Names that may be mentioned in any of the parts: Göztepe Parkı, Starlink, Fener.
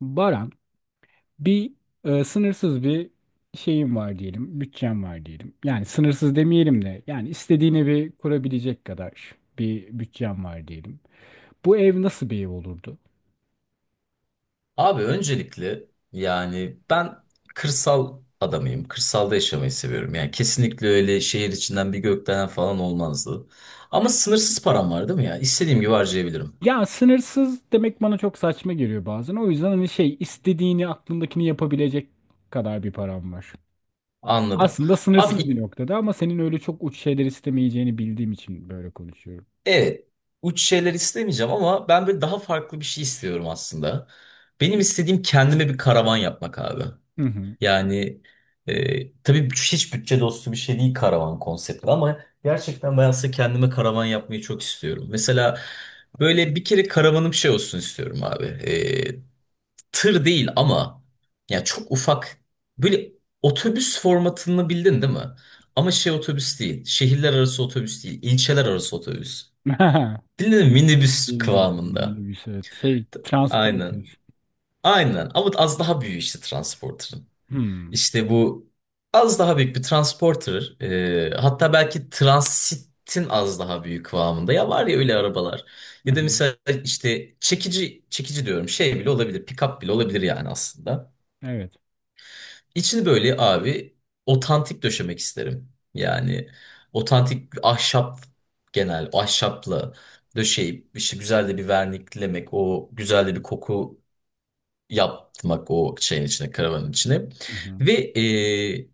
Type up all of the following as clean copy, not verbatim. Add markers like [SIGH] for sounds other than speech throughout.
Baran, bir sınırsız bir şeyim var diyelim, bütçem var diyelim. Yani sınırsız demeyelim de, yani istediğin evi kurabilecek kadar bir bütçem var diyelim. Bu ev nasıl bir ev olurdu? Abi öncelikle ben kırsal adamıyım. Kırsalda yaşamayı seviyorum. Yani kesinlikle öyle şehir içinden bir gökdelen falan olmazdı. Ama sınırsız param var değil mi ya? İstediğim gibi harcayabilirim. Ya sınırsız demek bana çok saçma geliyor bazen. O yüzden hani şey istediğini aklındakini yapabilecek kadar bir param var. Anladım. Aslında Abi sınırsız ilk- bir noktada ama senin öyle çok uç şeyler istemeyeceğini bildiğim için böyle konuşuyorum. evet, uç şeyler istemeyeceğim ama ben böyle daha farklı bir şey istiyorum aslında. Benim istediğim kendime bir karavan yapmak abi. Hı hı. Yani tabii hiç bütçe dostu bir şey değil karavan konsepti ama gerçekten ben aslında kendime karavan yapmayı çok istiyorum. Mesela böyle bir kere karavanım şey olsun istiyorum abi. Tır değil ama ya çok ufak böyle otobüs formatını bildin değil mi? Ama şey otobüs değil. Şehirler arası otobüs değil. İlçeler arası otobüs. [LAUGHS] Bildin mi? Minibüs Bildim, bildim, kıvamında. minibüs, evet. Şey, transport. Aynen. Aynen. Ama az daha büyük işte transporterın. Hmm. İşte bu az daha büyük bir transporter. Hatta belki transitin az daha büyük kıvamında. Ya var ya öyle arabalar. Hı Ya da hı. mesela işte çekici, çekici diyorum şey bile olabilir. Pick-up bile olabilir yani aslında. Evet. İçini böyle abi otantik döşemek isterim. Yani otantik ahşap, genel ahşapla döşeyip işte güzel de bir verniklemek. O güzel de bir koku yapmak o şeyin içine, karavanın içine. Hı hı. Ve e,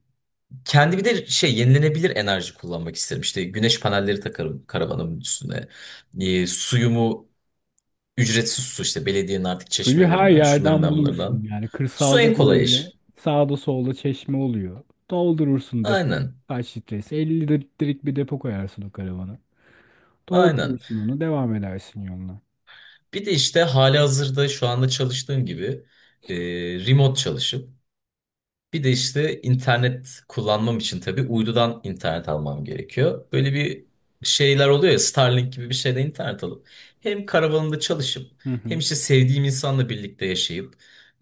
kendi bir de şey, yenilenebilir enerji kullanmak isterim. İşte güneş panelleri takarım karavanımın üstüne. Suyumu, ücretsiz su işte belediyenin artık Suyu her çeşmelerinden, yerden şunlarından bulursun. bunlardan. Yani Su en kırsalda kolay böyle iş. sağda solda çeşme oluyor. Doldurursun depo. Aynen. Kaç litresi? 50 litrelik bir depo koyarsın o karavana. Aynen. Doldurursun onu. Devam edersin yoluna. Bir de işte halihazırda şu anda çalıştığım gibi e, remote çalışıp. Bir de işte internet kullanmam için tabii uydudan internet almam gerekiyor. Böyle bir şeyler oluyor ya, Starlink gibi bir şeyde internet alıp hem karavanımda çalışıp Hı hem hı. işte sevdiğim insanla birlikte yaşayıp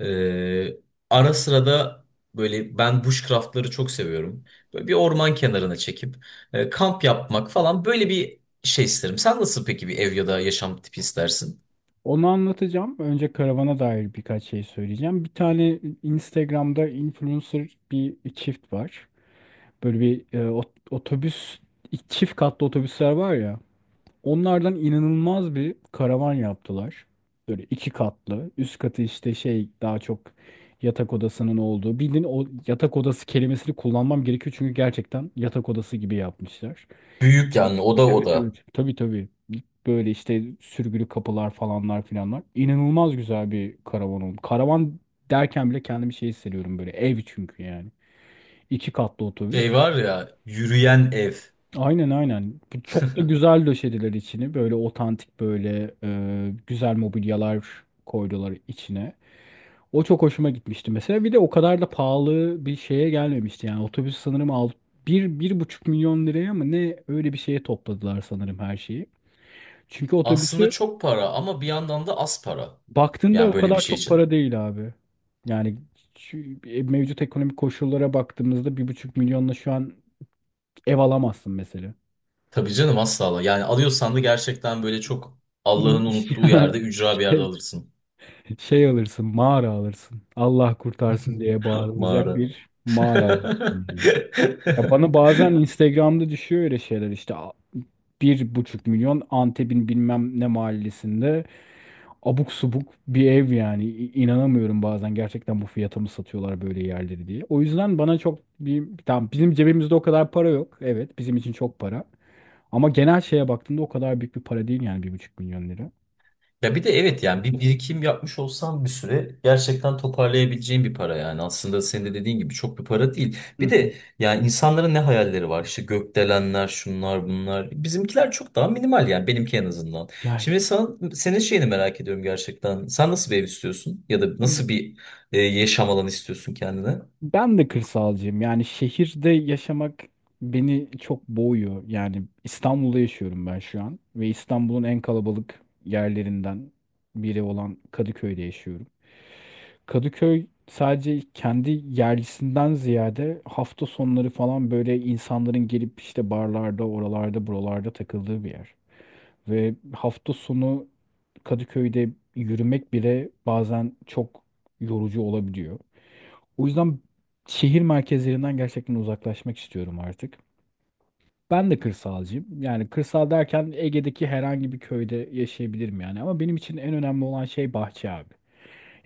e, ara sıra da böyle, ben bushcraftları çok seviyorum. Böyle bir orman kenarına çekip kamp yapmak falan, böyle bir şey isterim. Sen nasıl peki bir ev ya da yaşam tipi istersin? Onu anlatacağım. Önce karavana dair birkaç şey söyleyeceğim. Bir tane Instagram'da influencer bir çift var. Böyle bir otobüs, çift katlı otobüsler var ya. Onlardan inanılmaz bir karavan yaptılar. Böyle iki katlı. Üst katı işte şey daha çok yatak odasının olduğu. Bildiğin o yatak odası kelimesini kullanmam gerekiyor çünkü gerçekten yatak odası gibi yapmışlar. Büyük yani, oda Evet, oda. evet. Tabii, tabii. Böyle işte sürgülü kapılar falanlar filanlar. İnanılmaz güzel bir karavan oldu. Karavan derken bile kendimi şey hissediyorum böyle. Ev çünkü yani. İki katlı otobüs. Şey var ya, yürüyen ev. Aynen, aynen. Bu çok da [LAUGHS] güzel döşediler içini. Böyle otantik böyle güzel mobilyalar koydular içine. O çok hoşuma gitmişti mesela. Bir de o kadar da pahalı bir şeye gelmemişti. Yani otobüs sanırım al 1,5 milyon liraya mı ne öyle bir şeye topladılar sanırım her şeyi. Çünkü Aslında otobüsü çok para ama bir yandan da az para. baktığında Yani o böyle bir kadar şey çok için. para değil abi. Yani şu mevcut ekonomik koşullara baktığımızda 1,5 milyonla şu an ev alamazsın mesela. Tabii canım, asla. Yani alıyorsan da gerçekten böyle çok Allah'ın unuttuğu yerde, [LAUGHS] [LAUGHS] ücra bir yerde Şey, alırsın. şey alırsın, mağara alırsın. Allah kurtarsın diye [LAUGHS] bağırılacak Mağara. bir mağara alırsın. Hı hı. Ya bana [LAUGHS] bazen Instagram'da düşüyor öyle şeyler işte 1,5 milyon Antep'in bilmem ne mahallesinde abuk subuk bir ev yani. İnanamıyorum bazen gerçekten bu fiyata mı satıyorlar böyle yerleri diye. O yüzden bana çok bir tamam bizim cebimizde o kadar para yok. Evet, bizim için çok para. Ama genel şeye baktığında o kadar büyük bir para değil yani 1,5 milyon lira. Ya bir de evet, yani bir birikim yapmış olsan bir süre gerçekten toparlayabileceğin bir para, yani aslında senin de dediğin gibi çok bir para değil. Hı Bir hı. de yani insanların ne hayalleri var işte, gökdelenler şunlar bunlar, bizimkiler çok daha minimal yani, benimki en azından. Ya Şimdi sen, senin şeyini merak ediyorum gerçekten, sen nasıl bir ev istiyorsun ya da nasıl bir yaşam alanı istiyorsun kendine? ben de kırsalcıyım. Yani şehirde yaşamak beni çok boğuyor. Yani İstanbul'da yaşıyorum ben şu an ve İstanbul'un en kalabalık yerlerinden biri olan Kadıköy'de yaşıyorum. Kadıköy sadece kendi yerlisinden ziyade hafta sonları falan böyle insanların gelip işte barlarda, oralarda, buralarda takıldığı bir yer. Ve hafta sonu Kadıköy'de yürümek bile bazen çok yorucu olabiliyor. O yüzden şehir merkezlerinden gerçekten uzaklaşmak istiyorum artık. Ben de kırsalcıyım. Yani kırsal derken Ege'deki herhangi bir köyde yaşayabilirim yani. Ama benim için en önemli olan şey bahçe abi.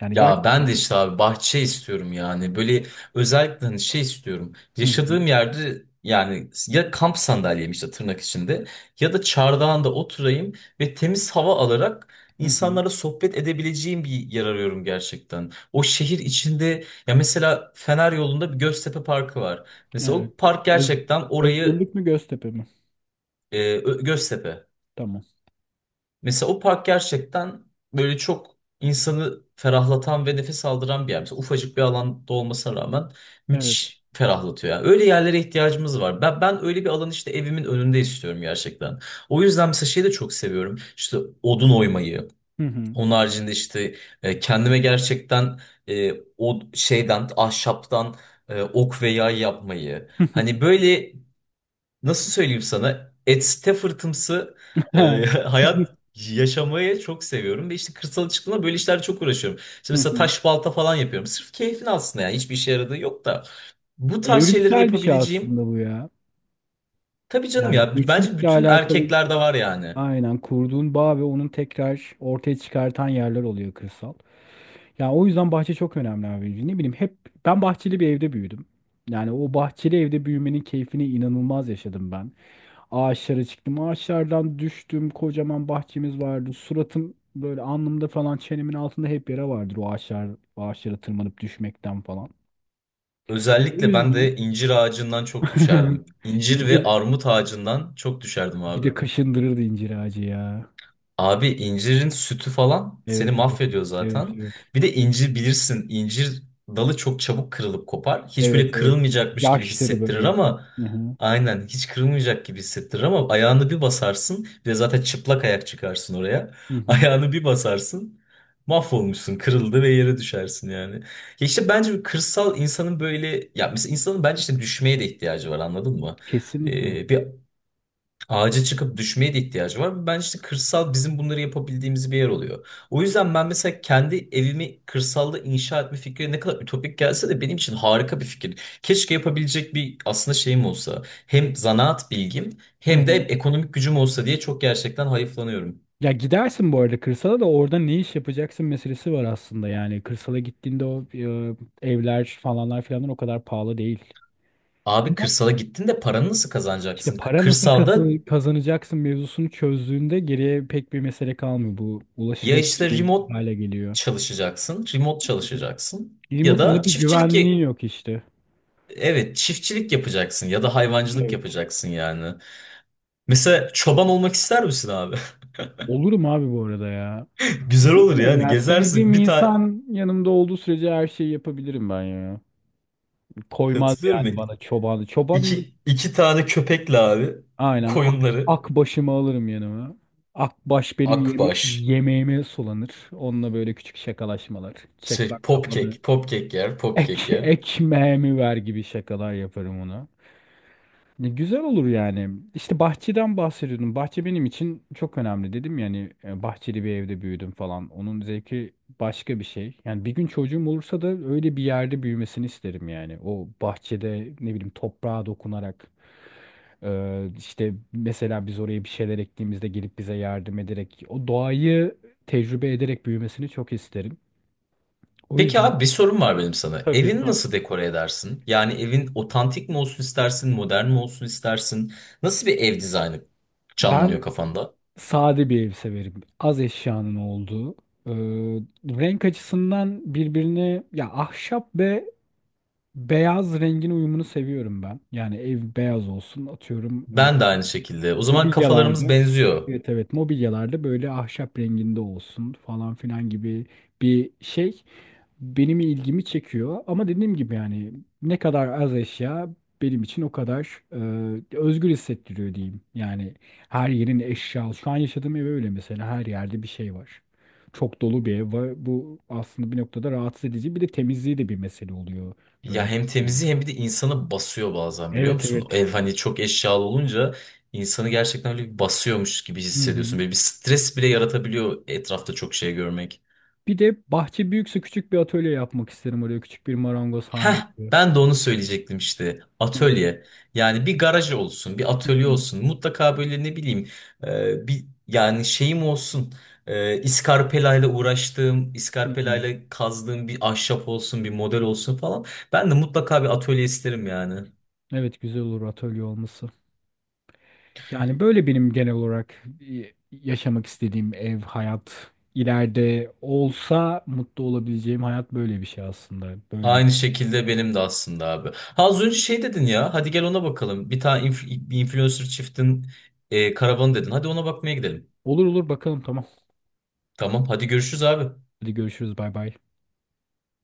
Yani Ya ben de gerçekten... işte abi bahçe istiyorum yani. Böyle özellikle hani şey istiyorum. Hı hı, Yaşadığım yerde yani, ya kamp sandalyem işte tırnak içinde ya da çardağında oturayım ve temiz hava alarak hı hı. insanlara sohbet edebileceğim bir yer arıyorum gerçekten. O şehir içinde ya, mesela Fener yolunda bir Göztepe Parkı var. Mesela Evet. o park Öz- gerçekten orayı Özgürlük mü Göztepe mi? Göztepe. Tamam. Mesela o park gerçekten böyle çok insanı ferahlatan ve nefes aldıran bir yer. Mesela ufacık bir alanda olmasına rağmen Evet. müthiş ferahlatıyor. Yani öyle yerlere ihtiyacımız var. Ben öyle bir alan işte evimin önünde istiyorum gerçekten. O yüzden mesela şeyi de çok seviyorum. İşte odun oymayı. Hı hı. Onun haricinde işte kendime gerçekten o şeyden, ahşaptan ok ve yay yapmayı. Hani böyle, nasıl söyleyeyim sana? Etste fırtımsı [LAUGHS] hayat [LAUGHS] yaşamayı çok seviyorum. Ve işte kırsala çıktığımda böyle işlerle çok uğraşıyorum. İşte Hı mesela hı. taş balta falan yapıyorum. Sırf keyfin aslında yani. Hiçbir işe yaradığı yok da. Bu tarz şeyleri de Evrimsel bir şey yapabileceğim. aslında bu ya. Tabii canım Yani ya. Bence geçmişle bütün alakalı erkeklerde var yani. aynen kurduğun bağ ve onun tekrar ortaya çıkartan yerler oluyor kırsal. Ya o yüzden bahçe çok önemli abi. Ne bileyim hep ben bahçeli bir evde büyüdüm. Yani o bahçeli evde büyümenin keyfini inanılmaz yaşadım ben. Ağaçlara çıktım, ağaçlardan düştüm. Kocaman bahçemiz vardı. Suratım böyle alnımda falan çenemin altında hep yara vardır o ağaçlar ağaçlara tırmanıp düşmekten falan. O Özellikle ben yüzden de incir ağacından çok düşerdim. [LAUGHS] İncir ve incir armut ağacından çok düşerdim bir abi. de kaşındırırdı incir ağacı ya. Abi incirin sütü falan seni Evet, evet. mahvediyor Evet, zaten. evet. Bir de incir bilirsin, incir dalı çok çabuk kırılıp kopar. Hiç Evet, böyle evet. kırılmayacakmış gibi Yaşları hissettirir böyle. ama Hı hı. aynen, hiç kırılmayacak gibi hissettirir ama ayağını bir basarsın, bir de zaten çıplak ayak çıkarsın oraya. Hı [LAUGHS] hı. Ayağını bir basarsın, mahvolmuşsun, kırıldı ve yere düşersin yani. Ya işte bence bir kırsal insanın böyle, ya mesela insanın bence işte düşmeye de ihtiyacı var, anladın mı? Kesinlikle. Bir Ağaca çıkıp düşmeye de ihtiyacı var. Ben işte kırsal, bizim bunları yapabildiğimiz bir yer oluyor. O yüzden ben mesela kendi evimi kırsalda inşa etme fikri ne kadar ütopik gelse de benim için harika bir fikir. Keşke yapabilecek bir aslında şeyim olsa. Hem zanaat bilgim Hı hem de hı. ekonomik gücüm olsa diye çok gerçekten hayıflanıyorum. Ya gidersin bu arada kırsala da orada ne iş yapacaksın meselesi var aslında yani. Kırsala gittiğinde o evler falanlar filanlar o kadar pahalı değil. Abi Ama kırsala gittin de paranı nasıl işte kazanacaksın? Para nasıl Kırsalda kazanacaksın mevzusunu çözdüğünde geriye pek bir mesele kalmıyor. Bu ya ulaşılabilir işte bir remote hale geliyor. çalışacaksın, remote çalışacaksın ya Remote'un da da bir çiftçilik. güvenliği yok işte. Evet, çiftçilik yapacaksın ya da hayvancılık Evet. yapacaksın yani. Mesela çoban olmak ister misin abi? Olurum abi bu arada ya. [LAUGHS] Güzel olur Bilmiyorum yani, ya. Sevdiğim gezersin. Bir tane insan yanımda olduğu sürece her şeyi yapabilirim ben ya. Koymaz hatırlıyorum ya. yani bana çobanı. Çobanlık İki tane köpekle abi aynen ak, koyunları, ak başımı alırım yanıma. Akbaş benim yeme akbaş yemeğime sulanır. Onunla böyle küçük şakalaşmalar. Çek şey bak kafanı. popkek, popkek yer, popkek Ek yer. ekmeğimi ver gibi şakalar yaparım ona. Ne güzel olur yani. İşte bahçeden bahsediyordum. Bahçe benim için çok önemli dedim yani bahçeli bir evde büyüdüm falan. Onun zevki başka bir şey. Yani bir gün çocuğum olursa da öyle bir yerde büyümesini isterim yani. O bahçede ne bileyim toprağa dokunarak işte mesela biz oraya bir şeyler ektiğimizde gelip bize yardım ederek o doğayı tecrübe ederek büyümesini çok isterim. O Peki yüzden abi, bir sorum var benim sana. tabii Evini nasıl dekore edersin? Yani evin otantik mi olsun istersin, modern mi olsun istersin? Nasıl bir ev dizaynı ben canlanıyor kafanda? sade bir ev severim. Az eşyanın olduğu. Ee, Renk açısından birbirine ya ahşap ve beyaz rengin uyumunu seviyorum ben. Yani ev beyaz olsun atıyorum Ben de aynı şekilde. O zaman kafalarımız mobilyalarda. benziyor. Evet, evet, mobilyalarda böyle ahşap renginde olsun falan filan gibi bir şey benim ilgimi çekiyor ama dediğim gibi yani ne kadar az eşya benim için o kadar özgür hissettiriyor diyeyim. Yani her yerin eşya. Şu an yaşadığım ev öyle mesela her yerde bir şey var. Çok dolu bir ev var. Bu aslında bir noktada rahatsız edici. Bir de temizliği de bir mesele oluyor. Ya Böyle. hem temizliği hem bir de insanı basıyor bazen, biliyor Evet, musun? evet. Ev hani çok eşyalı olunca insanı gerçekten öyle bir basıyormuş gibi Hı hissediyorsun. hı. Böyle bir stres bile yaratabiliyor etrafta çok şey görmek. Bir de bahçe büyükse küçük bir atölye yapmak isterim oraya. Küçük bir marangoz hali Heh, gibi. ben de onu söyleyecektim işte. Evet. Atölye. Yani bir garaj olsun, bir Hı atölye hı. olsun. Mutlaka böyle ne bileyim bir yani şeyim olsun. İskarpelayla uğraştığım, Hı hı. iskarpelayla kazdığım bir ahşap olsun, bir model olsun falan. Ben de mutlaka bir atölye isterim yani. Evet, güzel olur atölye olması. Yani böyle benim genel olarak yaşamak istediğim ev, hayat, ileride olsa mutlu olabileceğim hayat böyle bir şey aslında. Böyle. Aynı şekilde benim de aslında abi. Ha az önce şey dedin ya. Hadi gel ona bakalım. Bir influencer çiftin karavanı dedin. Hadi ona bakmaya gidelim. Olur olur bakalım, tamam. Tamam, hadi görüşürüz abi. Hadi görüşürüz, bay bay.